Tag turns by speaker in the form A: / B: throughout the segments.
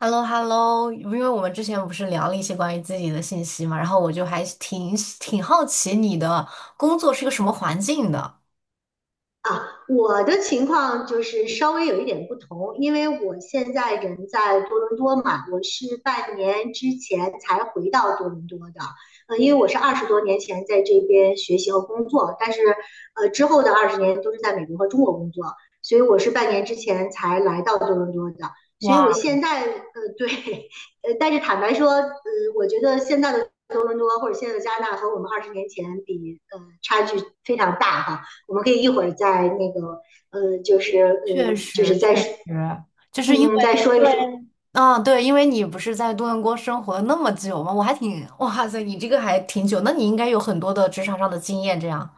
A: h e l l o h e l l o 因为我们之前不是聊了一些关于自己的信息嘛，然后我就还挺好奇你的工作是个什么环境的。
B: 啊，我的情况就是稍微有一点不同，因为我现在人在多伦多嘛，我是半年之前才回到多伦多的。因为我是二十多年前在这边学习和工作，但是之后的二十年都是在美国和中国工作，所以我是半年之前才来到多伦多的。所以
A: 哇，
B: 我现在对，但是坦白说，我觉得现在的多伦多或者现在的加拿大和我们二十年前比，差距非常大哈。我们可以一会儿再那个，
A: 确
B: 就是
A: 实
B: 再
A: 确
B: 说
A: 实，就是因为
B: 嗯再说
A: 因
B: 一说。
A: 为，啊，对，因为你不是在多伦多生活了那么久嘛，我还挺，哇塞，你这个还挺久，那你应该有很多的职场上的经验，这样。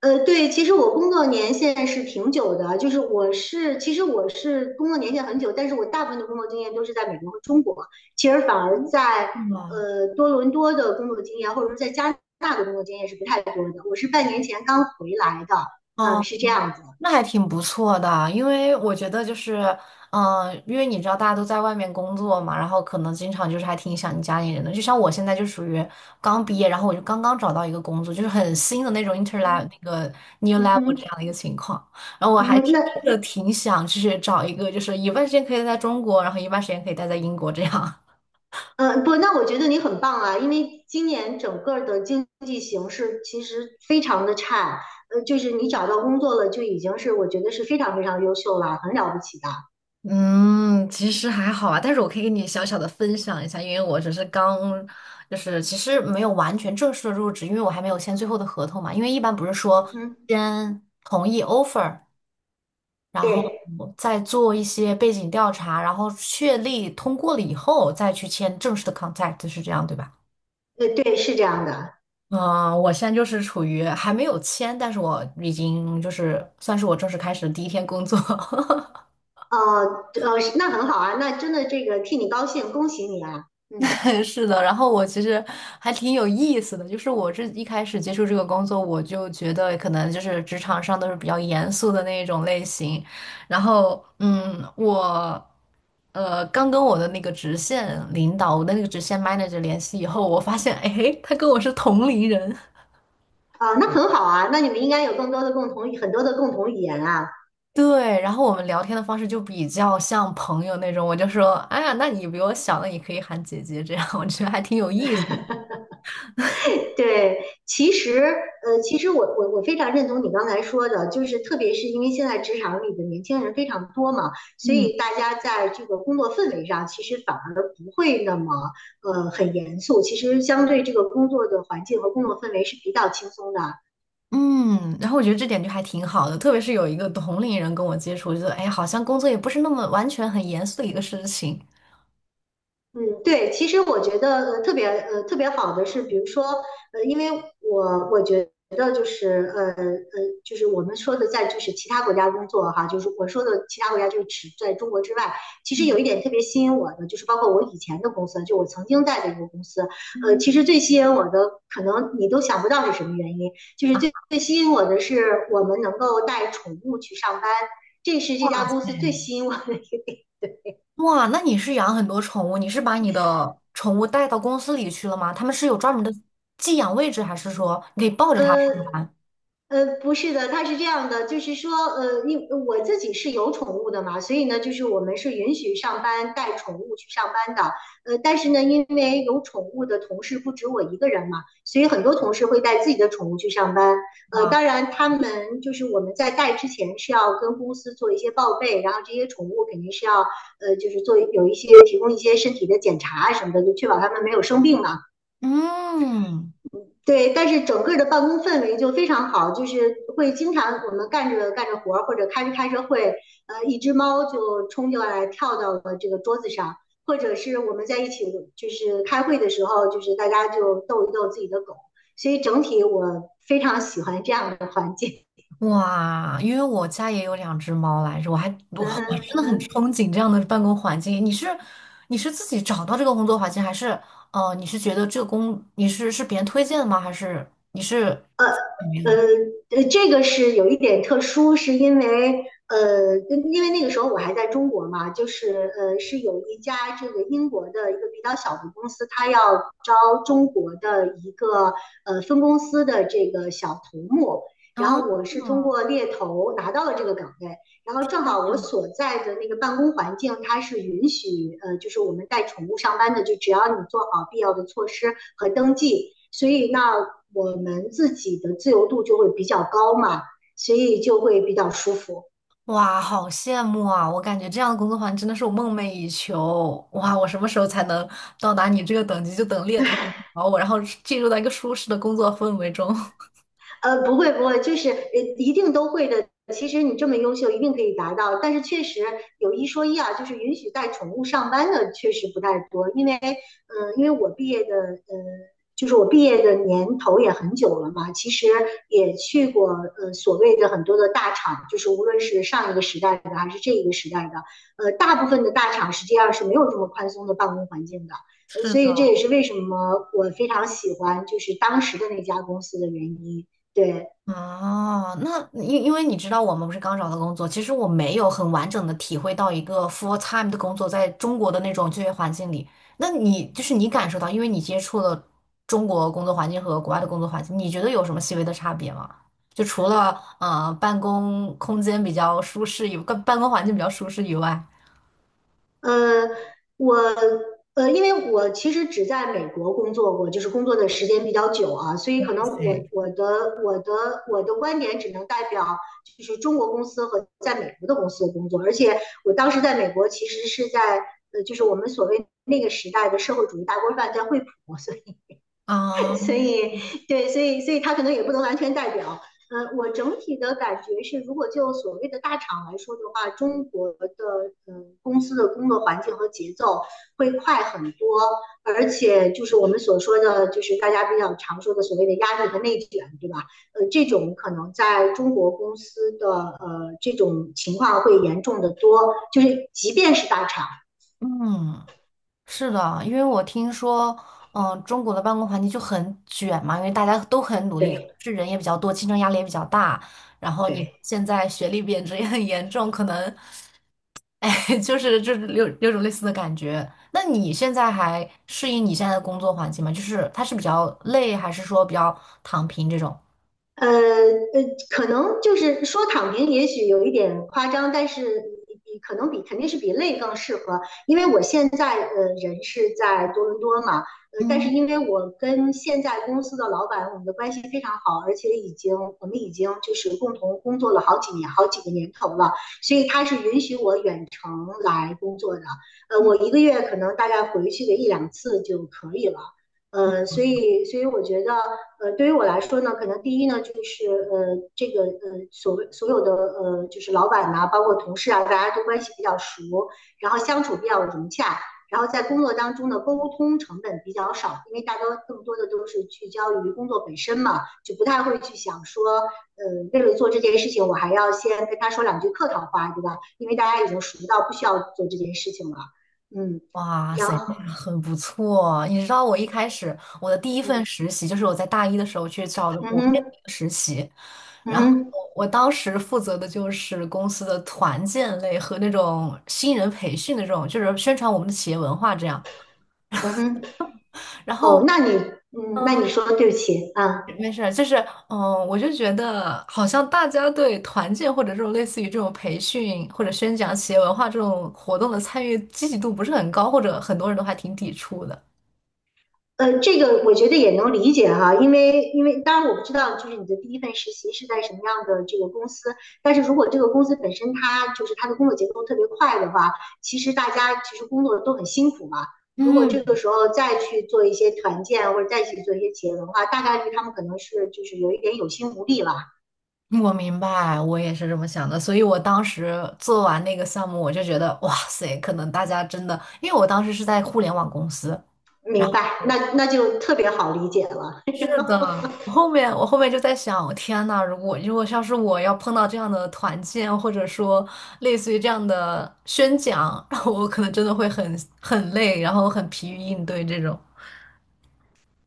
B: 对，其实我工作年限是挺久的，就是我是工作年限很久，但是我大部分的工作经验都是在美国和中国，其实反而
A: 嗯，
B: 在
A: 哇，
B: 多伦多的工作经验或者说在加拿大的工作经验是不太多的。我是半年前刚回来的，嗯、
A: 哦，
B: 是这样子。
A: 那还挺不错的啊，因为我觉得就是，嗯、因为你知道大家都在外面工作嘛，然后可能经常就是还挺想你家里人的。就像我现在就属于刚毕业，然后我就刚刚找到一个工作，就是很新的那种 inter l e v e
B: 嗯
A: 那个 new
B: 嗯
A: level 这
B: 哼，
A: 样的一个情况。然后我
B: 嗯
A: 还
B: 哼，
A: 真
B: 那
A: 的挺想就是找一个，就是一半时间可以在中国，然后一半时间可以待在英国这样。
B: 嗯，不，那我觉得你很棒啊，因为今年整个的经济形势其实非常的差，就是你找到工作了就已经我觉得是非常非常优秀了，很了不起的。
A: 嗯，其实还好啊，但是我可以给你小小的分享一下，因为我只是刚，就是其实没有完全正式的入职，因为我还没有签最后的合同嘛。因为一般不是
B: 嗯
A: 说
B: 哼，
A: 先同意 offer，然后
B: 对，
A: 再做一些背景调查，然后确立通过了以后再去签正式的 contract，是这样对吧？
B: 是这样的。
A: 嗯，我现在就是处于还没有签，但是我已经就是算是我正式开始的第一天工作。
B: 呃那很好啊，那真的这个替你高兴，恭喜你啊。嗯，
A: 是的，然后我其实还挺有意思的，就是我这一开始接触这个工作，我就觉得可能就是职场上都是比较严肃的那一种类型，然后嗯，我刚跟我的那个直线领导，我的那个直线 manager 联系以后，我发现哎，他跟我是同龄人。
B: 啊、那很好啊，那你们应该有更多的很多的共同语言啊。
A: 对，然后我们聊天的方式就比较像朋友那种，我就说，哎呀，那你比我小，那你可以喊姐姐，这样我觉得还挺有意思的。
B: 对，对，其实其实我非常认同你刚才说的，就是特别是因为现在职场里的年轻人非常多嘛，所
A: 嗯。
B: 以大家在这个工作氛围上，其实反而不会那么很严肃。其实相对这个工作的环境和工作氛围是比较轻松的，
A: 嗯，然后我觉得这点就还挺好的，特别是有一个同龄人跟我接触，我觉得哎，好像工作也不是那么完全很严肃的一个事情。
B: 嗯，对，其实我觉得特别特别好的是，比如说因为我觉得就是就是我们说的在就是其他国家工作哈，就是我说的其他国家就是指在中国之外，其实有一点特别吸引我的，就是包括我以前的公司，就我曾经带的一个公司，
A: 嗯，
B: 其实最吸引我的可能你都想不到是什么原因，就是
A: 啊。
B: 最最吸引我的是我们能够带宠物去上班，这是这家公司最吸引我的。
A: 哇，那你是养很多宠物，你是把你的宠物带到公司里去了吗？他们是有专门的寄养位置，还是说你可以抱着它上
B: 呃，
A: 班？
B: 不是的，它是这样的，就是说，因我自己是有宠物的嘛，所以呢，就是我们是允许上班带宠物去上班的。但是呢，因为有宠物的同事不止我一个人嘛，所以很多同事会带自己的宠物去上班。
A: 哇，
B: 当然，他们就是我们在带之前是要跟公司做一些报备，然后这些宠物肯定是要，就是做有一些提供一些身体的检查什么的，就确保它们没有生病嘛。
A: 嗯。
B: 对，但是整个的办公氛围就非常好，就是会经常我们干着干着活儿或者开着开着会，一只猫就冲进来跳到了这个桌子上，或者是我们在一起就是开会的时候，就是大家就逗一逗自己的狗，所以整体我非常喜欢这样的环境。
A: 哇，因为我家也有两只猫来着，我还 我
B: 嗯哼，
A: 我真
B: 嗯
A: 的很
B: 哼。
A: 憧憬这样的办公环境。你是你是自己找到这个工作环境，还是你是觉得这个工你是是别人推荐的吗？还是你是，
B: 呃
A: 嗯，
B: 这个是有一点特殊，是因为因为那个时候我还在中国嘛，就是是有一家这个英国的一个比较小的公司，它要招中国的一个分公司的这个小头目，然
A: 啊，
B: 后我是通过猎头拿到了这个岗位，然后正好我所在的那个办公环境，它是允许就是我们带宠物上班的，就只要你做好必要的措施和登记，所以那我们自己的自由度就会比较高嘛，所以就会比较舒服。
A: 哇，好羡慕啊！我感觉这样的工作环境真的是我梦寐以求。哇，我什么时候才能到达你这个等级？就等猎头找我，然后进入到一个舒适的工作氛围中。
B: 不会不会，就是一定都会的。其实你这么优秀，一定可以达到。但是确实有一说一啊，就是允许带宠物上班的确实不太多，因为嗯、因为我毕业的就是我毕业的年头也很久了嘛，其实也去过所谓的很多的大厂，就是无论是上一个时代的还是这一个时代的，大部分的大厂实际上是没有这么宽松的办公环境的。
A: 是
B: 所
A: 的。
B: 以这也是为什么我非常喜欢就是当时的那家公司的原因。对，
A: 哦，那因因为你知道，我们不是刚找到工作，其实我没有很完整的体会到一个 full time 的工作在中国的那种就业环境里。那你就是你感受到，因为你接触了中国工作环境和国外的工作环境，你觉得有什么细微的差别吗？就除了办公空间比较舒适以，办公环境比较舒适以外，
B: 呃，我因为我其实只在美国工作过，就是工作的时间比较久啊，所以可能我
A: 对，
B: 我的我的我的观点只能代表就是中国公司和在美国的公司的工作，而且我当时在美国其实是在就是我们所谓那个时代的社会主义大锅饭在惠普，
A: 啊，
B: 所以对，所以他可能也不能完全代表。我整体的感觉是，如果就所谓的大厂来说的话，中国的公司的工作环境和节奏会快很多，而且就是我们所说的，就是大家比较常说的所谓的压力和内卷，对吧？这种可能在中国公司的这种情况会严重的多，就是即便是大厂，
A: 嗯。是的，因为我听说，嗯、中国的办公环境就很卷嘛，因为大家都很努力，
B: 对
A: 是人也比较多，竞争压力也比较大。然后你
B: 对。
A: 现在学历贬值也很严重，可能，哎，就是就是种类似的感觉。那你现在还适应你现在的工作环境吗？就是它是比较累，还是说比较躺平这种？
B: 呃呃，可能就是说躺平，也许有一点夸张，但是可能比肯定是比累更适合，因为我现在人是在多伦多嘛，但是
A: 嗯，
B: 因为我跟现在公司的老板我们的关系非常好，而且我们已经就是共同工作了好几年好几个年头了，所以他是允许我远程来工作的，我
A: 嗯。
B: 一个月可能大概回去个一两次就可以了。所以我觉得，对于我来说呢，可能第一呢，就是所谓所有的就是老板呐、啊包括同事啊，大家都关系比较熟，然后相处比较融洽，然后在工作当中的沟通成本比较少，因为更多的都是聚焦于工作本身嘛，就不太会去想说，呃，为了做这件事情，我还要先跟他说两句客套话，对吧？因为大家已经熟到不需要做这件事情了，嗯，
A: 哇
B: 然
A: 塞，
B: 后，
A: 那很不错。你知道我一开始我的第一
B: 嗯，
A: 份实习就是我在大一的时候去找的
B: 嗯
A: 国内的
B: 哼，
A: 一个实习，
B: 嗯
A: 然后
B: 哼，
A: 我当时负责的就是公司的团建类和那种新人培训的这种，就是宣传我们的企业文化这样。
B: 嗯哼。
A: 然
B: 哦，
A: 后，
B: 那你嗯，那
A: 嗯，
B: 你说对不起啊，
A: 没事儿，就是嗯，我就觉得好像大家对团建或者这种类似于这种培训或者宣讲企业文化这种活动的参与积极度不是很高，或者很多人都还挺抵触的。
B: 这个我觉得也能理解哈，因为当然我不知道就是你的第一份实习是在什么样的这个公司，但是如果这个公司本身它就是它的工作节奏特别快的话，大家其实工作都很辛苦嘛。如果这
A: 嗯。
B: 个时候再去做一些团建或者再去做一些企业文化，大概率他们可能是就是有一点有心无力了。
A: 我明白，我也是这么想的，所以我当时做完那个项目，我就觉得，哇塞，可能大家真的，因为我当时是在互联网公司，然
B: 明
A: 后
B: 白，那
A: 我，
B: 那就特别好理解了。
A: 是的，我后面就在想，天呐，如果像是我要碰到这样的团建，或者说类似于这样的宣讲，我可能真的会很累，然后很疲于应对这种。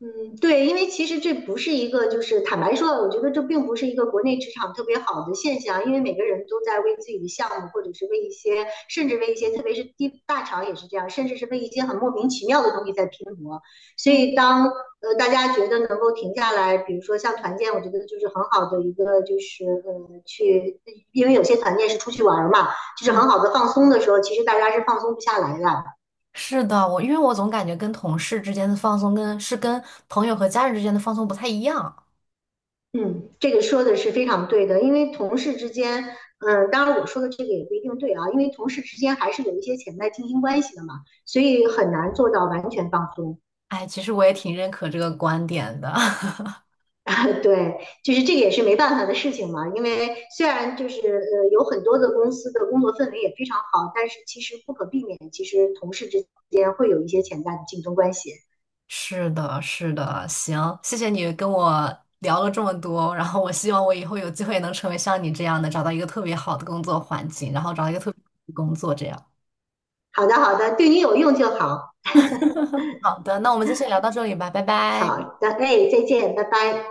B: 嗯，对，因为其实这不是一个，就是坦白说，我觉得这并不是一个国内职场特别好的现象，因为每个人都在为自己的项目，或者是为一些，甚至为一些，特别是地大厂也是这样，甚至是为一些很莫名其妙的东西在拼搏。所
A: 嗯，
B: 以当大家觉得能够停下来，比如说像团建，我觉得就是很好的一个，就是去，因为有些团建是出去玩儿嘛，就是
A: 嗯，
B: 很好的放松的时候，其实大家是放松不下来的。
A: 是的，我因为我总感觉跟同事之间的放松跟是跟朋友和家人之间的放松不太一样。
B: 嗯，这个说的是非常对的，因为同事之间，嗯，当然我说的这个也不一定对啊，因为同事之间还是有一些潜在竞争关系的嘛，所以很难做到完全放松。
A: 哎，其实我也挺认可这个观点的。
B: 对，就是这个也是没办法的事情嘛，因为虽然就是有很多的公司的工作氛围也非常好，但是其实不可避免，其实同事之间会有一些潜在的竞争关系。
A: 是的，是的，行，谢谢你跟我聊了这么多，然后我希望我以后有机会能成为像你这样的，找到一个特别好的工作环境，然后找到一个特别好的工作这样。
B: 好的，好的，对你有用就好。
A: 好的，那我们就先聊到这里吧，拜拜。
B: 好的，哎，再见，拜拜。